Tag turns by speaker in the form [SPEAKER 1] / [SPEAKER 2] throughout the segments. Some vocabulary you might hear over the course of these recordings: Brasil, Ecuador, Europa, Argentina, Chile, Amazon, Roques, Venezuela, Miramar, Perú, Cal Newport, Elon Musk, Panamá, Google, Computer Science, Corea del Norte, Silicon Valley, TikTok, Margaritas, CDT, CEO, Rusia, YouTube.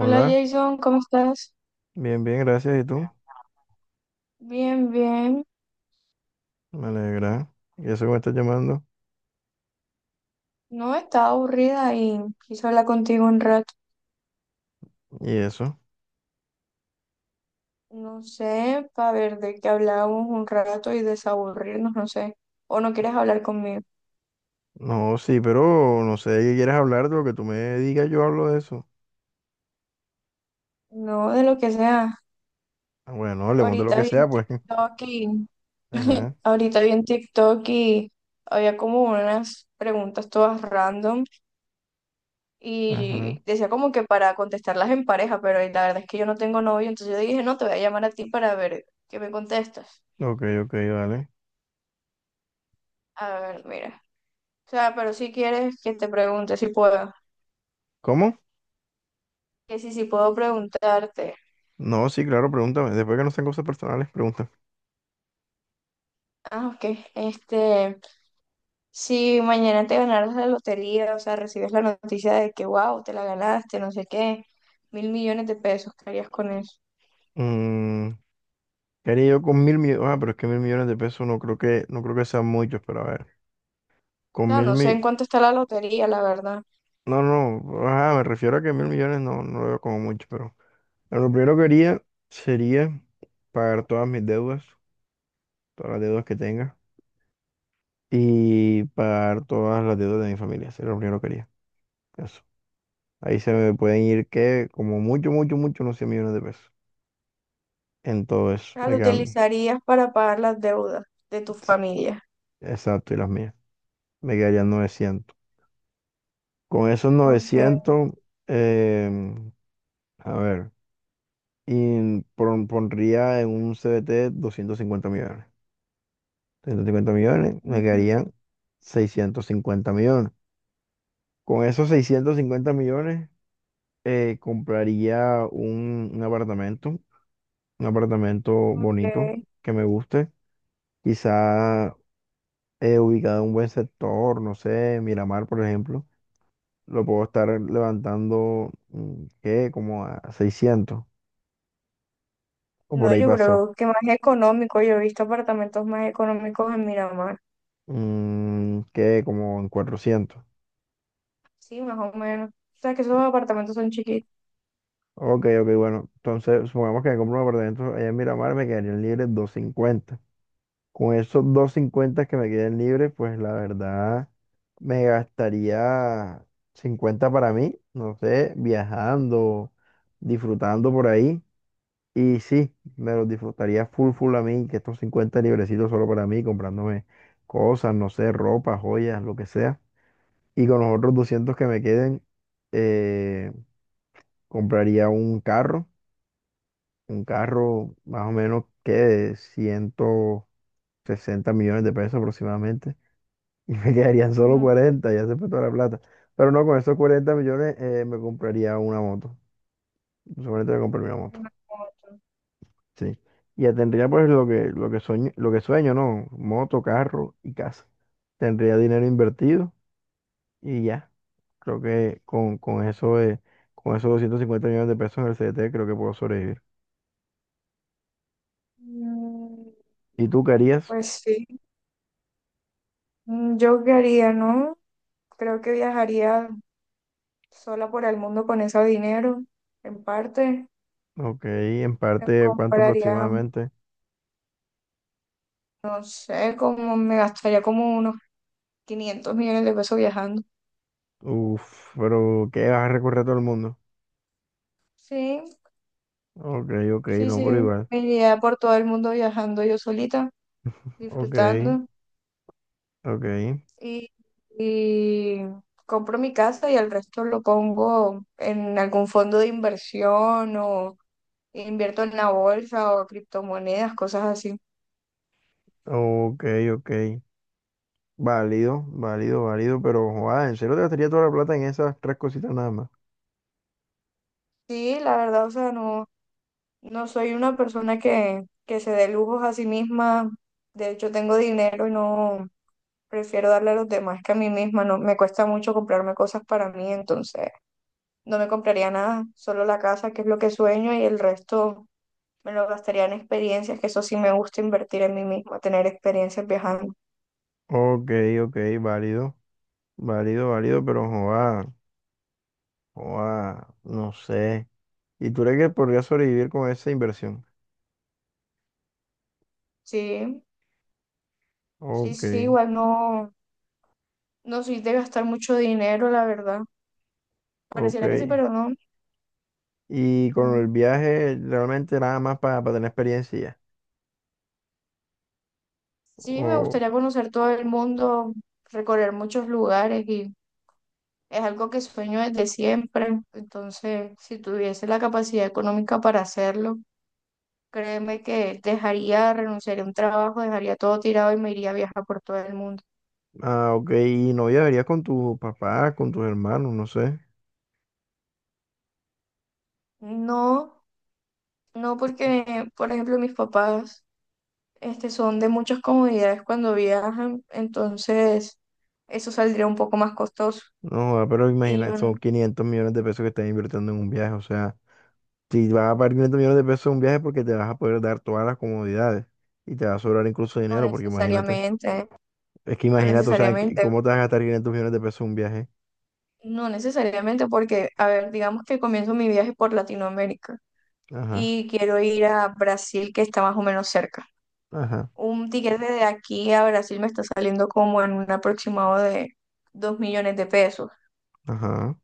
[SPEAKER 1] Hola, Jason, ¿cómo estás?
[SPEAKER 2] bien, bien, gracias. ¿Y tú?
[SPEAKER 1] Bien, bien.
[SPEAKER 2] Me alegra. ¿Y eso que me estás llamando?
[SPEAKER 1] No, estaba aburrida y quise hablar contigo un rato.
[SPEAKER 2] ¿Y eso?
[SPEAKER 1] No sé, para ver de qué hablábamos un rato y desaburrirnos, no sé. ¿O no quieres hablar conmigo?
[SPEAKER 2] No, sí, pero no sé de qué quieres hablar, de lo que tú me digas, yo hablo de eso.
[SPEAKER 1] No, de lo que sea.
[SPEAKER 2] Ah, bueno, hablemos de lo
[SPEAKER 1] Ahorita
[SPEAKER 2] que
[SPEAKER 1] vi en
[SPEAKER 2] sea, pues.
[SPEAKER 1] TikTok y...
[SPEAKER 2] Ajá,
[SPEAKER 1] Ahorita vi en TikTok y había como unas preguntas todas random
[SPEAKER 2] ajá.
[SPEAKER 1] y decía como que para contestarlas en pareja, pero la verdad es que yo no tengo novio, entonces yo dije, no, te voy a llamar a ti para ver qué me contestas.
[SPEAKER 2] Ok, ok, vale.
[SPEAKER 1] A ver, mira. O sea, pero si quieres que te pregunte si puedo.
[SPEAKER 2] ¿Cómo?
[SPEAKER 1] Que si puedo preguntarte.
[SPEAKER 2] No, sí, claro, pregúntame. Después que no sean cosas personales, pregunta.
[SPEAKER 1] Ah, ok. Este, si mañana te ganaras la lotería, o sea, recibes la noticia de que, wow, te la ganaste, no sé qué, 1.000 millones de pesos, ¿qué harías con eso?
[SPEAKER 2] Mm, ¿qué haría yo con 1.000 millones? Ah, pero es que 1.000 millones de pesos no creo que sean muchos, pero a ver.
[SPEAKER 1] O
[SPEAKER 2] Con
[SPEAKER 1] sea,
[SPEAKER 2] mil
[SPEAKER 1] no sé
[SPEAKER 2] mi...
[SPEAKER 1] en cuánto está la lotería, la verdad. O
[SPEAKER 2] No, no, ajá, me refiero a que 1.000 millones no, no lo veo como mucho, pero... Bueno, lo primero que haría sería pagar todas mis deudas, todas las deudas que tenga y pagar todas las deudas de mi familia. Sería lo primero que haría. Eso. Ahí se me pueden ir que como mucho, mucho, mucho, unos 100 millones de pesos. En todo eso. Me
[SPEAKER 1] lo
[SPEAKER 2] quedan,
[SPEAKER 1] utilizarías para pagar las deudas de tu familia.
[SPEAKER 2] exacto, y las mías. Me quedarían 900. Con esos
[SPEAKER 1] Ok.
[SPEAKER 2] 900, em, a ver, y pondría en un CBT 50 millones. 250 millones, me
[SPEAKER 1] Ujú,
[SPEAKER 2] quedarían 650 millones. Con esos 650 millones compraría un apartamento bonito
[SPEAKER 1] ok.
[SPEAKER 2] que me guste, quizá ubicado en un buen sector, no sé, Miramar, por ejemplo, lo puedo estar levantando, ¿qué? Como a 600 o por
[SPEAKER 1] No,
[SPEAKER 2] ahí
[SPEAKER 1] yo
[SPEAKER 2] pasó,
[SPEAKER 1] creo que más económico. Yo he visto apartamentos más económicos en Miramar.
[SPEAKER 2] ¿qué? Como en 400.
[SPEAKER 1] Sí, más o menos. O sea, que esos apartamentos son chiquitos.
[SPEAKER 2] Ok, ok, bueno, entonces supongamos que me compro un apartamento allá en Miramar, me quedarían libres 250. Con esos 250 que me queden libres, pues la verdad me gastaría 50 para mí, no sé, viajando, disfrutando por ahí. Y sí, me los disfrutaría full full a mí, que estos 50 librecitos solo para mí, comprándome cosas, no sé, ropa, joyas, lo que sea. Y con los otros 200 que me queden, eh, compraría un carro más o menos que de 160 millones de pesos aproximadamente. Y me quedarían solo
[SPEAKER 1] Ujú,
[SPEAKER 2] 40, ya se fue toda la plata. Pero no, con esos 40 millones me compraría una moto. Seguramente me compraría una moto.
[SPEAKER 1] una moto.
[SPEAKER 2] Sí. Y ya tendría pues lo que sueño, lo que sueño, ¿no? Moto, carro y casa. Tendría dinero invertido y ya. Creo que con esos 250 millones de pesos en el CDT creo que puedo sobrevivir.
[SPEAKER 1] Mm,
[SPEAKER 2] ¿Y tú qué harías?
[SPEAKER 1] pues sí. Mm, yo qué haría, ¿no? Creo que viajaría sola por el mundo con ese dinero, en parte.
[SPEAKER 2] Ok, en
[SPEAKER 1] Me
[SPEAKER 2] parte, ¿cuánto
[SPEAKER 1] compraría,
[SPEAKER 2] aproximadamente?
[SPEAKER 1] no sé, como me gastaría como unos 500 millones de pesos viajando.
[SPEAKER 2] Uf, pero ¿qué vas a recorrer todo el mundo?
[SPEAKER 1] Sí,
[SPEAKER 2] Ok, ok,
[SPEAKER 1] sí,
[SPEAKER 2] no, pero
[SPEAKER 1] sí,
[SPEAKER 2] igual.
[SPEAKER 1] me iría por todo el mundo viajando yo solita,
[SPEAKER 2] Ok.
[SPEAKER 1] disfrutando.
[SPEAKER 2] Ok,
[SPEAKER 1] y, y compro mi casa y el resto lo pongo en algún fondo de inversión o invierto en la bolsa o criptomonedas, cosas así.
[SPEAKER 2] ok, ok. Válido, válido, válido, pero joder, ¿en serio te gastaría toda la plata en esas tres cositas nada más?
[SPEAKER 1] Sí, la verdad, o sea, no, no soy una persona que se dé lujos a sí misma. De hecho, tengo dinero y no prefiero darle a los demás que a mí misma. No, me cuesta mucho comprarme cosas para mí, entonces no me compraría nada, solo la casa, que es lo que sueño, y el resto me lo gastaría en experiencias, que eso sí me gusta invertir en mí misma, tener experiencias viajando.
[SPEAKER 2] Ok, ok, válido, válido, válido, pero joder, joder, no sé. ¿Y tú crees que podrías sobrevivir con esa inversión?
[SPEAKER 1] Sí, sí,
[SPEAKER 2] Ok,
[SPEAKER 1] sí, igual no, no soy de gastar mucho dinero, la verdad.
[SPEAKER 2] ok.
[SPEAKER 1] Pareciera que sí, pero no.
[SPEAKER 2] ¿Y con
[SPEAKER 1] No.
[SPEAKER 2] el viaje realmente nada más para tener experiencia? ¿ya?
[SPEAKER 1] Sí, me
[SPEAKER 2] O,
[SPEAKER 1] gustaría conocer todo el mundo, recorrer muchos lugares y es algo que sueño desde siempre. Entonces, si tuviese la capacidad económica para hacerlo, créeme que dejaría, renunciaría a un trabajo, dejaría todo tirado y me iría a viajar por todo el mundo.
[SPEAKER 2] ah, ok, y no viajarías con tus papás, con tus hermanos, no sé.
[SPEAKER 1] No. No porque, por ejemplo, mis papás, este, son de muchas comodidades cuando viajan, entonces eso saldría un poco más costoso.
[SPEAKER 2] No, joda, pero
[SPEAKER 1] Y
[SPEAKER 2] imagina,
[SPEAKER 1] yo
[SPEAKER 2] son 500 millones de pesos que estás invirtiendo en un viaje. O sea, si vas a pagar 500 millones de pesos en un viaje porque te vas a poder dar todas las comodidades y te va a sobrar incluso
[SPEAKER 1] no
[SPEAKER 2] dinero, porque imagínate,
[SPEAKER 1] necesariamente,
[SPEAKER 2] es que
[SPEAKER 1] no
[SPEAKER 2] imagínate, o sea,
[SPEAKER 1] necesariamente,
[SPEAKER 2] ¿cómo te vas a gastar 500 millones de pesos en un viaje?
[SPEAKER 1] no necesariamente porque, a ver, digamos que comienzo mi viaje por Latinoamérica
[SPEAKER 2] Ajá,
[SPEAKER 1] y quiero ir a Brasil, que está más o menos cerca.
[SPEAKER 2] ajá,
[SPEAKER 1] Un tiquete de aquí a Brasil me está saliendo como en un aproximado de 2 millones de pesos.
[SPEAKER 2] ajá,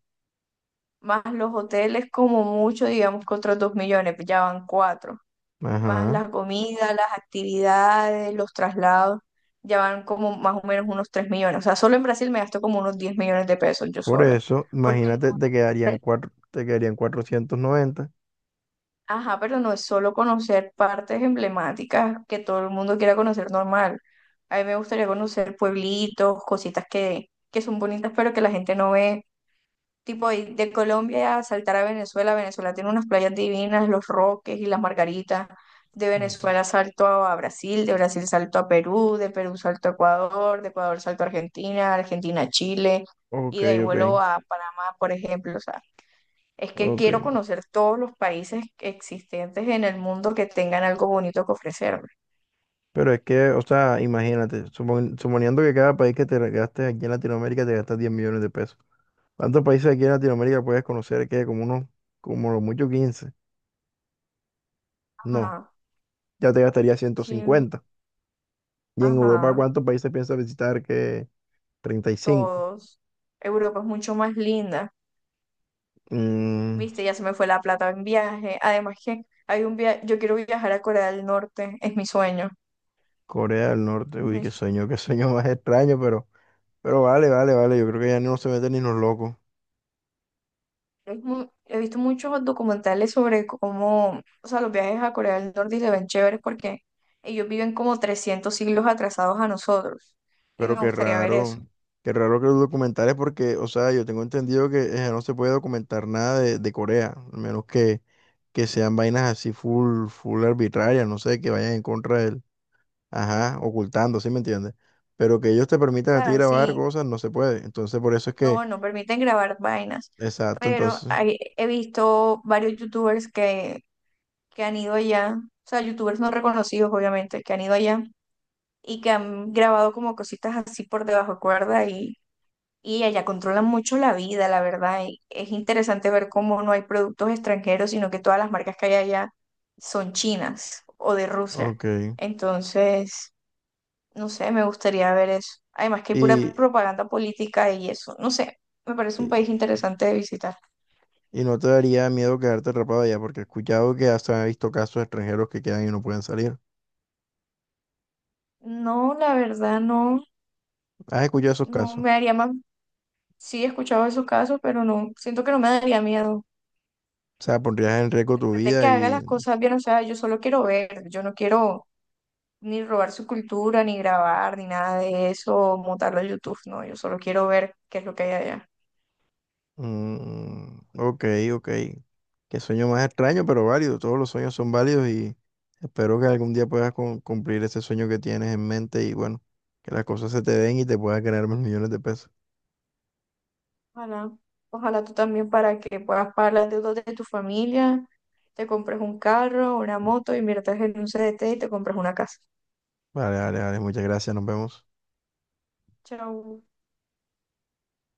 [SPEAKER 1] Más los hoteles como mucho, digamos que otros 2 millones, pues ya van cuatro, más
[SPEAKER 2] ajá.
[SPEAKER 1] la comida, las actividades, los traslados, ya van como más o menos unos 3 millones. O sea, solo en Brasil me gasto como unos 10 millones de pesos yo
[SPEAKER 2] Por
[SPEAKER 1] sola.
[SPEAKER 2] eso,
[SPEAKER 1] Porque, no-
[SPEAKER 2] imagínate, te quedarían cuatro, te quedarían 490.
[SPEAKER 1] Ajá, pero no es solo conocer partes emblemáticas que todo el mundo quiera conocer normal. A mí me gustaría conocer pueblitos, cositas que son bonitas, pero que la gente no ve. Tipo, y de Colombia a saltar a Venezuela, Venezuela tiene unas playas divinas, los Roques y las Margaritas. De
[SPEAKER 2] Mm.
[SPEAKER 1] Venezuela salto a Brasil, de Brasil salto a Perú, de Perú salto a Ecuador, de Ecuador salto a Argentina, Argentina a Chile, y
[SPEAKER 2] Ok,
[SPEAKER 1] de ahí
[SPEAKER 2] ok,
[SPEAKER 1] vuelo a Panamá, por ejemplo. O sea, es que
[SPEAKER 2] ok.
[SPEAKER 1] quiero conocer todos los países existentes en el mundo que tengan algo bonito que ofrecerme.
[SPEAKER 2] Pero es que, o sea, imagínate, suponiendo que cada país que te gastes aquí en Latinoamérica te gastas 10 millones de pesos. ¿Cuántos países aquí en Latinoamérica puedes conocer? Que como unos, como lo mucho 15. No,
[SPEAKER 1] Ajá,
[SPEAKER 2] ya te gastaría ciento
[SPEAKER 1] sí,
[SPEAKER 2] cincuenta. ¿Y en Europa
[SPEAKER 1] ajá,
[SPEAKER 2] cuántos países piensas visitar? Que 35.
[SPEAKER 1] todos. Europa es mucho más linda.
[SPEAKER 2] Mm,
[SPEAKER 1] Viste, ya se me fue la plata en viaje. Además que hay un viaje, yo quiero viajar a Corea del Norte, es mi sueño.
[SPEAKER 2] Corea del Norte,
[SPEAKER 1] Es
[SPEAKER 2] uy,
[SPEAKER 1] mi-
[SPEAKER 2] qué sueño más extraño, pero, vale, vale, vale. Yo creo que ya no se meten ni los locos.
[SPEAKER 1] es mu- He visto muchos documentales sobre cómo, o sea, los viajes a Corea del Norte y se ven chéveres porque ellos viven como 300 siglos atrasados a nosotros. Y
[SPEAKER 2] Pero
[SPEAKER 1] me gustaría ver eso.
[SPEAKER 2] qué raro que los documentales, porque, o sea, yo tengo entendido que no se puede documentar nada de Corea, a menos que sean vainas así full, full arbitrarias, no sé, que vayan en contra del ajá, ocultando, ¿sí me entiendes? Pero que ellos te
[SPEAKER 1] O
[SPEAKER 2] permitan a ti
[SPEAKER 1] sea,
[SPEAKER 2] grabar
[SPEAKER 1] sí,
[SPEAKER 2] cosas no se puede. Entonces, por eso es que,
[SPEAKER 1] no, no permiten grabar vainas.
[SPEAKER 2] exacto, entonces,
[SPEAKER 1] He visto varios youtubers que han ido allá, o sea, youtubers no reconocidos, obviamente, que han ido allá y que han grabado como cositas así por debajo de cuerda y allá controlan mucho la vida, la verdad. Y es interesante ver cómo no hay productos extranjeros, sino que todas las marcas que hay allá son chinas o de Rusia.
[SPEAKER 2] ok.
[SPEAKER 1] Entonces, no sé, me gustaría ver eso. Además que hay pura
[SPEAKER 2] Y,
[SPEAKER 1] propaganda política y eso. No sé, me parece
[SPEAKER 2] y,
[SPEAKER 1] un país interesante de visitar.
[SPEAKER 2] y no te daría miedo quedarte atrapado allá, porque he escuchado que hasta he visto casos de extranjeros que quedan y no pueden salir.
[SPEAKER 1] No, la verdad, no,
[SPEAKER 2] ¿Has escuchado esos
[SPEAKER 1] no
[SPEAKER 2] casos?
[SPEAKER 1] me haría más. Sí, he escuchado esos casos, pero no, siento que no me daría miedo.
[SPEAKER 2] O sea, pondrías en riesgo tu
[SPEAKER 1] Pues, de que
[SPEAKER 2] vida
[SPEAKER 1] haga
[SPEAKER 2] y
[SPEAKER 1] las cosas bien, o sea, yo solo quiero ver, yo no quiero ni robar su cultura, ni grabar, ni nada de eso, montarlo a YouTube, no, yo solo quiero ver qué es lo que hay allá.
[SPEAKER 2] mm, ok, ok. Qué sueño más extraño, pero válido. Todos los sueños son válidos y espero que algún día puedas cumplir ese sueño que tienes en mente y bueno, que las cosas se te den y te puedas ganar más millones de pesos.
[SPEAKER 1] Ojalá, ojalá tú también para que puedas pagar las deudas de tu familia, te compres un carro, una moto, inviertas en un CDT y te compres una casa.
[SPEAKER 2] Vale, vale, vale. Muchas gracias. Nos vemos.
[SPEAKER 1] Chao.